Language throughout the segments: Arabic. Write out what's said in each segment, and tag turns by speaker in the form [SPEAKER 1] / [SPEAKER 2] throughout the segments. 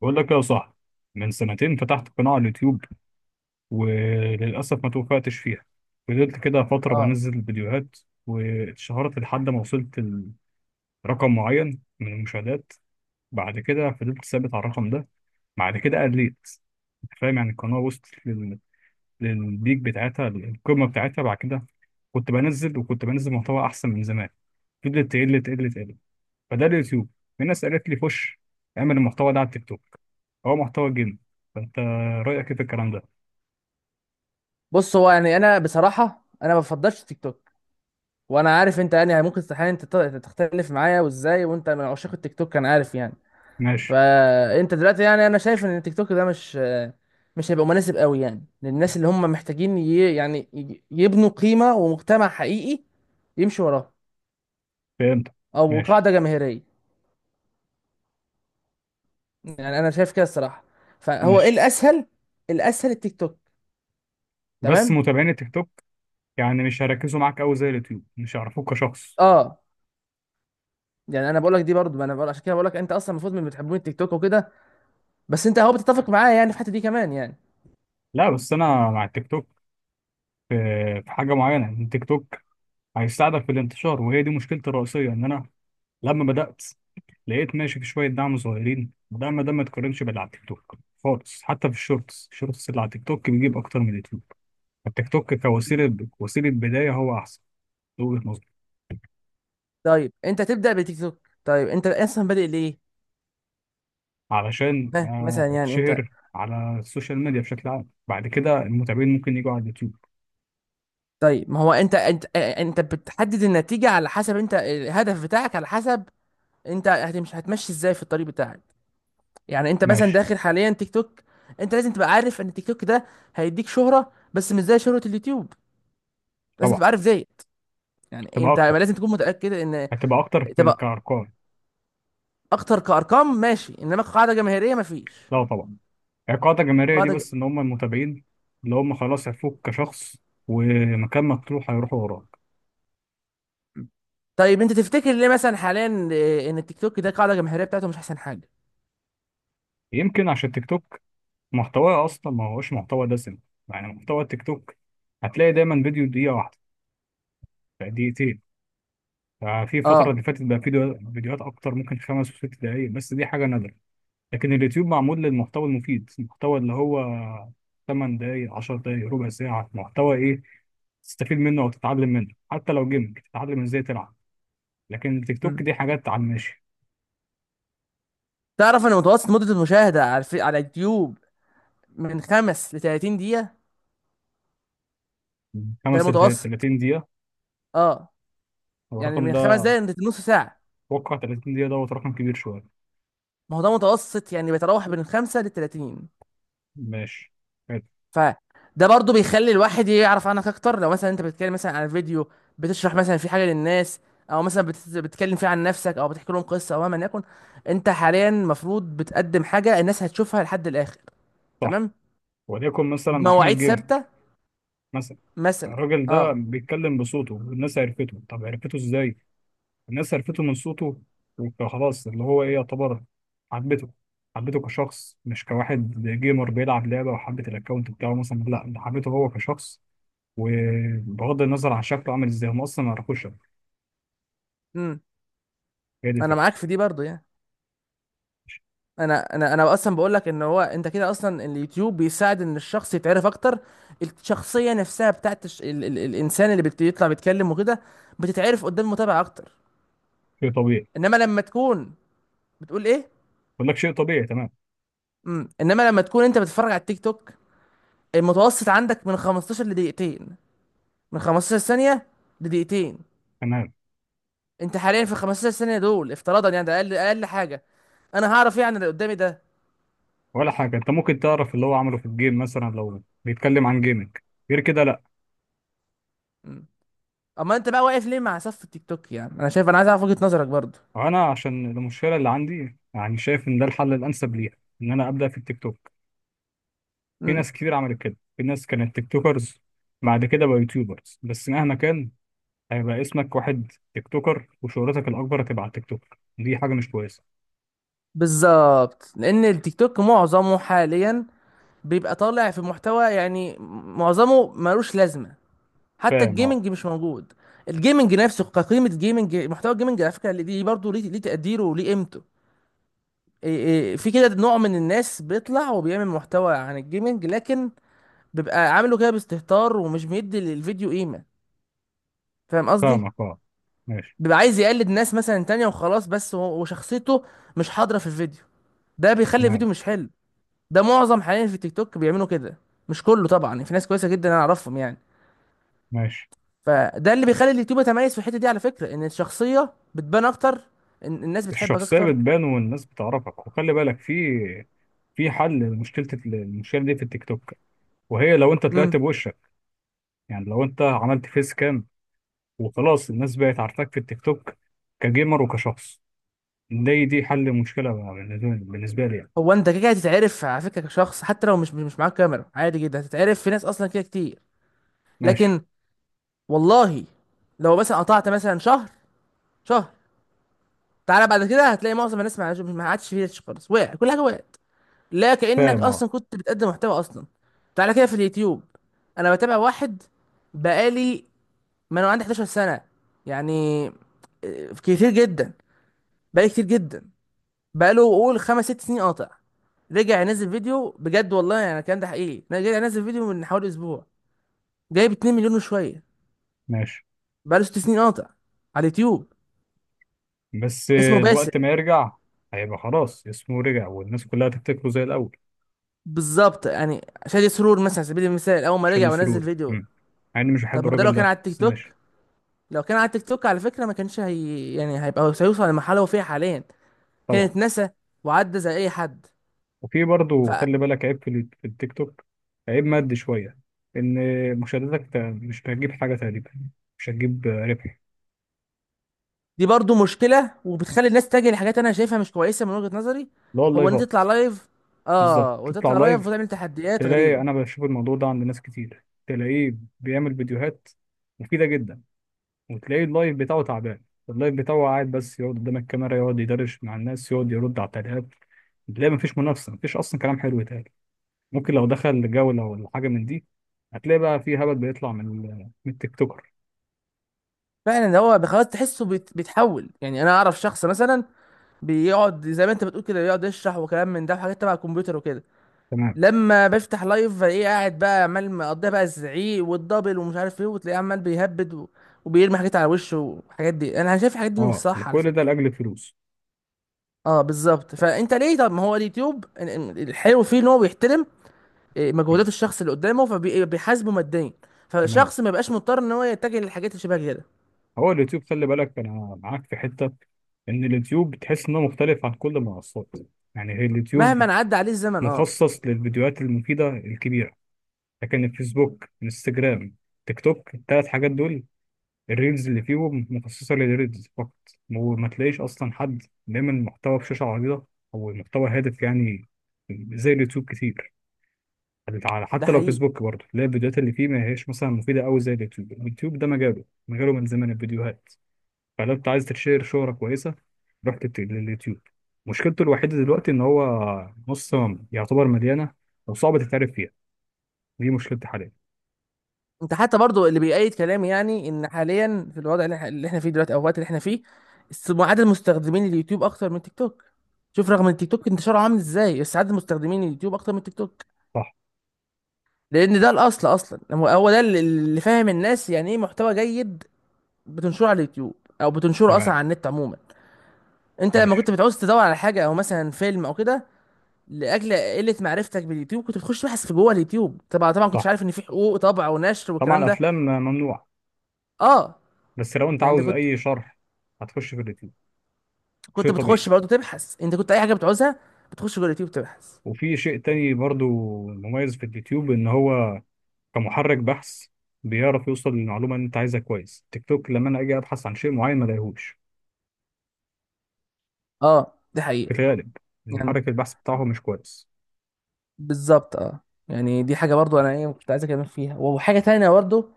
[SPEAKER 1] بقول لك يا صاحبي، من سنتين فتحت قناة على اليوتيوب، وللأسف ما توفقتش فيها. فضلت كده فترة
[SPEAKER 2] اه
[SPEAKER 1] بنزل فيديوهات واتشهرت لحد ما وصلت لرقم معين من المشاهدات. بعد كده فضلت ثابت على الرقم ده. بعد كده قليت، أنت فاهم؟ يعني القناة وصلت للبيك بتاعتها، القمة بتاعتها. بعد كده كنت بنزل، وكنت بنزل محتوى أحسن من زمان، فضلت تقل تقل تقل. فده اليوتيوب. في ناس قالت لي خش اعمل المحتوى ده على التيك توك، هو محتوى جيم. فانت رايك ايه في الكلام ده؟
[SPEAKER 2] بص، هو يعني انا بصراحه انا ما بفضلش تيك توك. وانا عارف انت يعني ممكن استحيل انت تختلف معايا، وازاي وانت من عشاق التيك توك، انا عارف يعني.
[SPEAKER 1] ماشي.
[SPEAKER 2] فانت دلوقتي يعني انا شايف ان التيك توك ده مش هيبقى مناسب قوي يعني للناس اللي هم محتاجين يبنوا قيمه ومجتمع حقيقي يمشي وراه،
[SPEAKER 1] فهمت.
[SPEAKER 2] او
[SPEAKER 1] ماشي.
[SPEAKER 2] قاعده جماهيريه. يعني انا شايف كده الصراحه. فهو ايه
[SPEAKER 1] ماشي.
[SPEAKER 2] الاسهل؟ الاسهل التيك توك.
[SPEAKER 1] بس
[SPEAKER 2] تمام.
[SPEAKER 1] متابعين التيك توك يعني مش هيركزوا معاك قوي زي اليوتيوب، مش هيعرفوك كشخص.
[SPEAKER 2] اه يعني انا بقول لك دي برضو، ما انا بقول عشان كده بقول لك انت اصلا المفروض من بتحبون التيك توك وكده، بس انت اهو بتتفق معايا يعني في الحته دي كمان يعني.
[SPEAKER 1] لا، بس انا مع التيك توك في في حاجه معينه، ان التيك توك هيساعدك في الانتشار، وهي دي مشكلتي الرئيسيه. ان انا لما بدات لقيت ماشي في شويه دعم صغيرين، الدعم ده ما يتقارنش باللي على التيك توك خالص. حتى في الشورتس اللي على التيك توك بيجيب اكتر من اليوتيوب. التيك توك
[SPEAKER 2] مم.
[SPEAKER 1] كوسيله، وسيله بدايه، هو احسن من وجهه نظري.
[SPEAKER 2] طيب انت تبدا بالتيك توك، طيب انت اصلا بادئ ليه؟
[SPEAKER 1] علشان
[SPEAKER 2] ها مثلا يعني انت،
[SPEAKER 1] اتشهر على السوشيال ميديا بشكل عام، بعد كده المتابعين ممكن يجوا على اليوتيوب.
[SPEAKER 2] طيب ما هو انت انت بتحدد النتيجه على حسب انت الهدف بتاعك، على حسب انت هتمشي ازاي في الطريق بتاعك. يعني انت مثلا
[SPEAKER 1] ماشي.
[SPEAKER 2] داخل حاليا تيك توك، انت لازم تبقى عارف ان التيك توك ده هيديك شهره، بس مش زي شهره اليوتيوب. لازم
[SPEAKER 1] طبعا.
[SPEAKER 2] تبقى عارف زيت. يعني
[SPEAKER 1] هتبقى
[SPEAKER 2] انت
[SPEAKER 1] اكتر
[SPEAKER 2] لازم تكون متاكد ان
[SPEAKER 1] هتبقى اكتر في
[SPEAKER 2] تبقى
[SPEAKER 1] كارقام.
[SPEAKER 2] اكتر كارقام، ماشي، انما قاعده جماهيريه مفيش
[SPEAKER 1] لا طبعا، القاعده الجماهيريه دي
[SPEAKER 2] قاعده.
[SPEAKER 1] بس، ان هم المتابعين اللي هم خلاص عرفوك كشخص، ومكان ما تروح هيروحوا وراك.
[SPEAKER 2] طيب انت تفتكر ليه مثلا حاليا ان التيك توك ده القاعده الجماهيريه بتاعته مش احسن حاجه؟
[SPEAKER 1] يمكن عشان التيك توك محتواه اصلا ما هوش محتوى دسم. يعني محتوى التيك توك هتلاقي دايما فيديو دقيقه واحده، دقيقتين. ففي
[SPEAKER 2] اه.
[SPEAKER 1] الفترة اللي فاتت بقى في فيديوهات أكتر، ممكن خمس وست دقايق، بس دي حاجة نادرة. لكن اليوتيوب معمول للمحتوى المفيد، المحتوى اللي هو 8 دقايق، 10 دقايق، ربع ساعة، محتوى إيه تستفيد منه أو تتعلم منه، حتى لو جيمنج تتعلم إزاي تلعب. لكن التيك توك
[SPEAKER 2] مم.
[SPEAKER 1] دي حاجات على الماشي.
[SPEAKER 2] تعرف ان متوسط مده المشاهده على على اليوتيوب من خمس ل 30 دقيقه؟ ده
[SPEAKER 1] خمس لت-
[SPEAKER 2] المتوسط.
[SPEAKER 1] 30 دقيقة؟
[SPEAKER 2] اه،
[SPEAKER 1] هو
[SPEAKER 2] يعني
[SPEAKER 1] الرقم
[SPEAKER 2] من خمس
[SPEAKER 1] ده؟
[SPEAKER 2] دقايق لنص ساعه.
[SPEAKER 1] أتوقع 30 دقيقة دوت رقم كبير شوية.
[SPEAKER 2] ما هو ده متوسط، يعني بيتراوح بين خمسة ل 30.
[SPEAKER 1] ماشي. حلو.
[SPEAKER 2] فده برضو بيخلي الواحد يعرف عنك اكتر. لو مثلا انت بتتكلم مثلا عن فيديو، بتشرح مثلا في حاجه للناس، او مثلا بتتكلم فيه عن نفسك، او بتحكي لهم قصه، او مهما يكن، انت حاليا المفروض بتقدم حاجه الناس هتشوفها لحد الاخر،
[SPEAKER 1] صح.
[SPEAKER 2] تمام؟
[SPEAKER 1] وليكن مثلا
[SPEAKER 2] مواعيد
[SPEAKER 1] أحمد جيمنج
[SPEAKER 2] ثابته
[SPEAKER 1] مثلا،
[SPEAKER 2] مثلا.
[SPEAKER 1] الراجل ده
[SPEAKER 2] اه.
[SPEAKER 1] بيتكلم بصوته والناس عرفته. طب عرفته إزاي؟ الناس عرفته من صوته، وخلاص اللي هو ايه، يعتبر حبته. حبته كشخص مش كواحد جيمر بيلعب لعبة وحبت الاكونت بتاعه مثلا، لا ده حبيته هو كشخص. وبغض النظر عن شكله عامل ازاي، هم اصلا ما يعرفوش شكله.
[SPEAKER 2] امم،
[SPEAKER 1] هي دي
[SPEAKER 2] انا
[SPEAKER 1] الفكرة.
[SPEAKER 2] معاك في دي برضو يعني. انا اصلا بقول لك ان هو انت كده اصلا اليوتيوب بيساعد ان الشخص يتعرف اكتر. الشخصيه نفسها بتاعت الانسان اللي بيطلع بيتكلم وكده بتتعرف قدام المتابع اكتر.
[SPEAKER 1] شيء طبيعي.
[SPEAKER 2] انما لما تكون، بتقول ايه؟
[SPEAKER 1] بقول لك شيء طبيعي. تمام.
[SPEAKER 2] امم، انما لما تكون انت بتتفرج على التيك توك، المتوسط عندك من 15 لدقيقتين، من 15 ثانيه لدقيقتين.
[SPEAKER 1] تمام.
[SPEAKER 2] انت حاليا في 15 ثانيه دول، افتراضا يعني ده اقل حاجه، انا هعرف ايه عن اللي قدامي ده؟
[SPEAKER 1] ولا حاجة، انت ممكن تعرف اللي هو عمله في الجيم مثلا لو بيتكلم عن جيمنج، غير كده لا.
[SPEAKER 2] اما انت بقى واقف ليه مع صف التيك توك؟ يعني انا شايف، انا عايز اعرف وجهة نظرك برضو.
[SPEAKER 1] انا عشان المشكلة اللي عندي، يعني شايف ان ده الحل الانسب ليها، ان انا ابدا في التيك توك. في
[SPEAKER 2] امم.
[SPEAKER 1] ناس كتير عملت كده، في ناس كانت تيك توكرز بعد كده بقى يوتيوبرز، بس مهما كان هيبقى اسمك واحد تيك توكر، وشهرتك الأكبر هتبقى تيك توكر، دي حاجة مش كويسة.
[SPEAKER 2] بالظبط، لان التيك توك معظمه حاليا بيبقى طالع في محتوى يعني معظمه ملوش لازمه. حتى
[SPEAKER 1] فاهم. اه.
[SPEAKER 2] الجيمنج مش موجود، الجيمنج نفسه كقيمه. جيمنج محتوى الجيمنج على فكره اللي دي برضه ليه تقديره وليه قيمته. إيه في كده نوع من الناس بيطلع وبيعمل محتوى عن الجيمنج، لكن بيبقى عامله كده باستهتار ومش مدي للفيديو قيمه. فاهم قصدي؟
[SPEAKER 1] فاهمك. اه. ماشي.
[SPEAKER 2] بيبقى عايز يقلد ناس مثلا تانية وخلاص، وشخصيته مش حاضرة في الفيديو، ده بيخلي
[SPEAKER 1] تمام.
[SPEAKER 2] الفيديو مش حلو. ده معظم حاليا في التيك توك بيعملوا كده، مش كله طبعا، يعني في ناس كويسة جدا انا اعرفهم يعني.
[SPEAKER 1] ماشي.
[SPEAKER 2] فده اللي بيخلي اليوتيوب يتميز في الحتة دي على فكرة، ان الشخصية بتبان اكتر، ان الناس بتحبك
[SPEAKER 1] الشخصية
[SPEAKER 2] اكتر.
[SPEAKER 1] بتبان والناس بتعرفك، وخلي بالك في حل المشكلة دي في التيك توك. وهي لو انت طلعت
[SPEAKER 2] امم.
[SPEAKER 1] بوشك، يعني لو انت عملت فيس كام وخلاص الناس بقت عارفاك في التيك توك كجيمر وكشخص، دي حل مشكلة بالنسبة لي يعني.
[SPEAKER 2] هو انت كده كده هتتعرف على فكرة كشخص، حتى لو مش معاك كاميرا عادي جدا هتتعرف، في ناس اصلا كده كتير.
[SPEAKER 1] ماشي.
[SPEAKER 2] لكن والله لو مثلا قطعت مثلا شهر، تعالى بعد كده هتلاقي معظم الناس، ما عادش فيه ريتش خالص، وقع كل حاجة وقعت، لا كأنك
[SPEAKER 1] فاهم. اه.
[SPEAKER 2] اصلا كنت بتقدم محتوى اصلا. تعالى كده في اليوتيوب، انا بتابع واحد بقالي، ما انا عندي 11 سنة يعني، كتير جدا، بقالي كتير جدا. بقاله قول خمس ست سنين قاطع، رجع ينزل فيديو بجد، والله يعني الكلام ده حقيقي، انا رجع ينزل فيديو من حوالي اسبوع، جايب 2 مليون وشويه.
[SPEAKER 1] ماشي.
[SPEAKER 2] بقاله ست سنين قاطع على اليوتيوب،
[SPEAKER 1] بس
[SPEAKER 2] اسمه
[SPEAKER 1] وقت
[SPEAKER 2] باسل.
[SPEAKER 1] ما يرجع هيبقى خلاص اسمه رجع، والناس كلها هتفتكره زي الأول.
[SPEAKER 2] بالظبط. يعني شادي سرور مثلا على سبيل المثال، اول ما رجع
[SPEAKER 1] شادي
[SPEAKER 2] ونزل
[SPEAKER 1] سرورة.
[SPEAKER 2] فيديو،
[SPEAKER 1] مم. مع إني مش
[SPEAKER 2] طب
[SPEAKER 1] بحب
[SPEAKER 2] ما ده لو
[SPEAKER 1] الراجل
[SPEAKER 2] كان
[SPEAKER 1] ده
[SPEAKER 2] على التيك
[SPEAKER 1] بس
[SPEAKER 2] توك،
[SPEAKER 1] ماشي.
[SPEAKER 2] لو كان على التيك توك على فكرة ما كانش هي يعني هيبقى، هيوصل للمرحلة اللي هو فيها حاليا؟
[SPEAKER 1] طبعا.
[SPEAKER 2] كانت نسى وعدى زي أي حد.
[SPEAKER 1] وفي برضه
[SPEAKER 2] فدي
[SPEAKER 1] خلي بالك عيب في في التيك توك، عيب مادي شوية، إن مشاهداتك مش هتجيب حاجة تقريبا، مش هتجيب ربح.
[SPEAKER 2] برضو مشكلة، وبتخلي الناس تتجه لحاجات أنا شايفها مش كويسة من وجهة نظري.
[SPEAKER 1] اللي هو
[SPEAKER 2] هو إن أنت
[SPEAKER 1] اللايفات.
[SPEAKER 2] تطلع لايف،
[SPEAKER 1] بالظبط
[SPEAKER 2] آه
[SPEAKER 1] تطلع
[SPEAKER 2] وتطلع لايف
[SPEAKER 1] لايف،
[SPEAKER 2] وتعمل تحديات
[SPEAKER 1] تلاقي
[SPEAKER 2] غريبة.
[SPEAKER 1] أنا بشوف الموضوع ده عند ناس كتير، تلاقيه بيعمل فيديوهات مفيدة جدا، وتلاقي اللايف بتاعه تعبان. اللايف بتاعه قاعد بس يقعد قدام الكاميرا، يقعد يدردش مع الناس، يقعد يرد على التعليقات. تلاقي مفيش منافسة، مفيش أصلا كلام حلو يتقال. ممكن لو دخل جولة ولا حاجة من دي، هتلاقي بقى في هبل بيطلع من من التيك توكر.
[SPEAKER 2] فعلا. ده هو خلاص تحسه بيتحول يعني. أنا أعرف شخص مثلا بيقعد زي ما أنت بتقول كده، بيقعد يشرح وكلام من ده وحاجات تبع الكمبيوتر وكده،
[SPEAKER 1] تمام.
[SPEAKER 2] لما بفتح لايف ايه، قاعد بقى عمال مقضيها بقى الزعيق والدبل ومش عارف ايه، وتلاقيه عمال وبيرمي حاجات على وشه، والحاجات دي انا شايف الحاجات دي مش
[SPEAKER 1] اه،
[SPEAKER 2] صح على
[SPEAKER 1] كل ده
[SPEAKER 2] فكره.
[SPEAKER 1] لأجل الفلوس.
[SPEAKER 2] اه بالظبط. فانت ليه؟ طب ما هو اليوتيوب الحلو فيه ان هو بيحترم
[SPEAKER 1] م.
[SPEAKER 2] مجهودات الشخص اللي قدامه، فبيحاسبه ماديا،
[SPEAKER 1] تمام.
[SPEAKER 2] فالشخص ما يبقاش مضطر ان هو يتجه للحاجات اللي شبه كده.
[SPEAKER 1] هو اليوتيوب خلي بالك أنا معاك في حتة، إن اليوتيوب بتحس إنه مختلف عن كل المنصات. يعني هي اليوتيوب
[SPEAKER 2] مهما عدى عليه الزمن. اه،
[SPEAKER 1] مخصص للفيديوهات المفيدة الكبيرة، لكن الفيسبوك، انستجرام، تيك توك، ال 3 حاجات دول، الريلز اللي فيهم مخصصة للريلز فقط. وما تلاقيش أصلا حد بيعمل محتوى بشاشة عريضة أو محتوى هادف، يعني زي اليوتيوب كتير.
[SPEAKER 2] ده
[SPEAKER 1] حتى لو
[SPEAKER 2] حقيقي.
[SPEAKER 1] فيسبوك برضه تلاقي الفيديوهات اللي فيه ما هيش مثلا مفيدة أوي زي اليوتيوب. اليوتيوب ده مجاله من زمن الفيديوهات. فلو أنت عايز تشير شهرة كويسة روح لليوتيوب. مشكلته الوحيدة دلوقتي إن هو نص، يعتبر مليانة وصعب تتعرف فيها، دي مشكلتي حاليا.
[SPEAKER 2] انت حتى برضو اللي بيأيد كلامي، يعني ان حاليا في الوضع اللي احنا، اللي احنا فيه دلوقتي، او الوقت اللي احنا فيه، عدد مستخدمين اليوتيوب اكتر من تيك توك. شوف رغم ان تيك توك انتشاره عامل ازاي، بس عدد مستخدمين اليوتيوب اكتر من تيك توك،
[SPEAKER 1] صح.
[SPEAKER 2] لان ده الاصل اصلا. هو هو ده اللي اللي فاهم الناس يعني ايه محتوى جيد بتنشره على اليوتيوب، او بتنشره اصلا
[SPEAKER 1] تمام.
[SPEAKER 2] على النت عموما. انت لما
[SPEAKER 1] ماشي.
[SPEAKER 2] كنت بتعوز تدور على حاجه، او مثلا فيلم او كده، لاجل قله معرفتك باليوتيوب كنت بتخش تبحث في جوه اليوتيوب. طبعا طبعا كنتش
[SPEAKER 1] صح.
[SPEAKER 2] عارف ان في حقوق طبع ونشر
[SPEAKER 1] طبعا
[SPEAKER 2] والكلام ده.
[SPEAKER 1] الأفلام ممنوع.
[SPEAKER 2] اه.
[SPEAKER 1] بس لو انت
[SPEAKER 2] يعني انت
[SPEAKER 1] عاوز
[SPEAKER 2] كنت
[SPEAKER 1] اي شرح هتخش في اليوتيوب.
[SPEAKER 2] كنت
[SPEAKER 1] شيء
[SPEAKER 2] بتخش
[SPEAKER 1] طبيعي.
[SPEAKER 2] برضه تبحث، انت كنت اي حاجه بتعوزها بتخش جوه اليوتيوب تبحث.
[SPEAKER 1] وفي شيء تاني برضو مميز في اليوتيوب، ان هو كمحرك بحث بيعرف يوصل للمعلومه اللي انت عايزها كويس. تيك توك لما انا اجي ابحث عن شيء معين ما الاقيهوش
[SPEAKER 2] اه دي
[SPEAKER 1] في
[SPEAKER 2] حقيقه.
[SPEAKER 1] الغالب،
[SPEAKER 2] يعني
[SPEAKER 1] المحرك البحث بتاعه مش كويس.
[SPEAKER 2] بالظبط اه. يعني دي حاجه برضه انا ايه كنت عايز اتكلم فيها. وحاجه تانية برضه،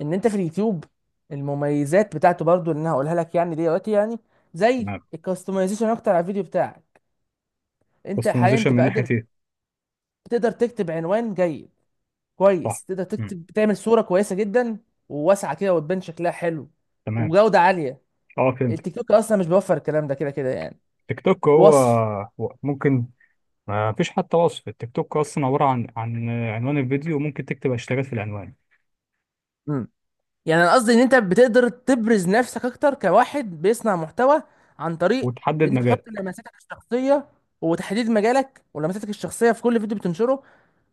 [SPEAKER 2] ان انت في اليوتيوب المميزات بتاعته برضه اللي انا هقولها لك يعني دلوقتي يعني، زي
[SPEAKER 1] تمام.
[SPEAKER 2] الكاستمايزيشن اكتر على الفيديو بتاعك. انت حاليا
[SPEAKER 1] كاستمايزيشن
[SPEAKER 2] تبقى
[SPEAKER 1] من ناحيه
[SPEAKER 2] قادر،
[SPEAKER 1] ايه؟
[SPEAKER 2] تقدر تكتب عنوان جيد
[SPEAKER 1] صح.
[SPEAKER 2] كويس، تقدر
[SPEAKER 1] مم.
[SPEAKER 2] تكتب، تعمل صوره كويسه جدا وواسعه كده وتبان شكلها حلو،
[SPEAKER 1] تمام.
[SPEAKER 2] وجوده عاليه.
[SPEAKER 1] اه فهمت.
[SPEAKER 2] التيك توك اصلا مش بيوفر الكلام ده كده كده يعني.
[SPEAKER 1] تيك توك، هو
[SPEAKER 2] وصف
[SPEAKER 1] هو ممكن ما فيش حتى وصف. التيك توك اصلا عباره عن عنوان الفيديو، وممكن تكتب هاشتاجات في العنوان،
[SPEAKER 2] يعني، انا قصدي ان انت بتقدر تبرز نفسك اكتر كواحد بيصنع محتوى، عن طريق ان
[SPEAKER 1] وتحدد
[SPEAKER 2] انت تحط
[SPEAKER 1] مجال.
[SPEAKER 2] لمساتك الشخصيه، وتحديد مجالك ولمساتك الشخصيه في كل فيديو بتنشره،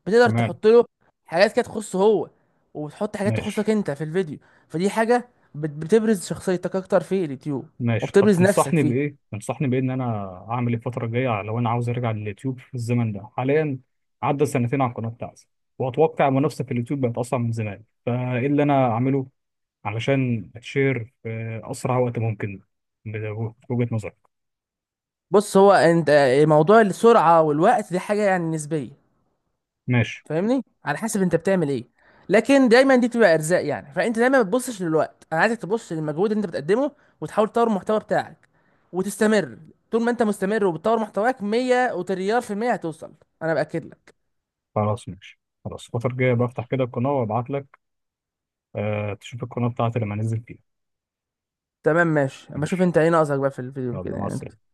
[SPEAKER 2] بتقدر
[SPEAKER 1] تمام.
[SPEAKER 2] تحط له حاجات كده تخصه هو، وتحط حاجات
[SPEAKER 1] ماشي.
[SPEAKER 2] تخصك انت في الفيديو. فدي حاجه بتبرز شخصيتك اكتر في اليوتيوب،
[SPEAKER 1] ماشي. طب
[SPEAKER 2] وبتبرز نفسك
[SPEAKER 1] تنصحني
[SPEAKER 2] فيه.
[SPEAKER 1] بايه تنصحني بايه ان انا اعمل ايه الفتره الجايه لو انا عاوز ارجع لليوتيوب في الزمن ده حاليا؟ عدى سنتين على القناه بتاعتي، واتوقع المنافسه في اليوتيوب بقت اصعب من زمان، فايه اللي انا اعمله علشان اتشير في اسرع وقت ممكن بوجهه نظرك؟
[SPEAKER 2] بص هو انت، موضوع السرعه والوقت دي حاجه يعني نسبيه،
[SPEAKER 1] ماشي.
[SPEAKER 2] فاهمني، على حسب انت بتعمل ايه. لكن دايما دي بتبقى ارزاق يعني، فانت دايما ما بتبصش للوقت، انا عايزك تبص للمجهود اللي انت بتقدمه وتحاول تطور المحتوى بتاعك وتستمر. طول ما انت مستمر وبتطور محتواك 100 وتريار في المية هتوصل، انا باكد لك.
[SPEAKER 1] خلاص. ماشي. خلاص الفتره الجايه بفتح كده القناه وابعت لك، أه تشوف القناه بتاعتي لما انزل فيها.
[SPEAKER 2] تمام ماشي، اما اشوف
[SPEAKER 1] ماشي.
[SPEAKER 2] انت ايه ناقصك بقى في الفيديو
[SPEAKER 1] يلا
[SPEAKER 2] كده
[SPEAKER 1] مع
[SPEAKER 2] يعني انت
[SPEAKER 1] السلامه.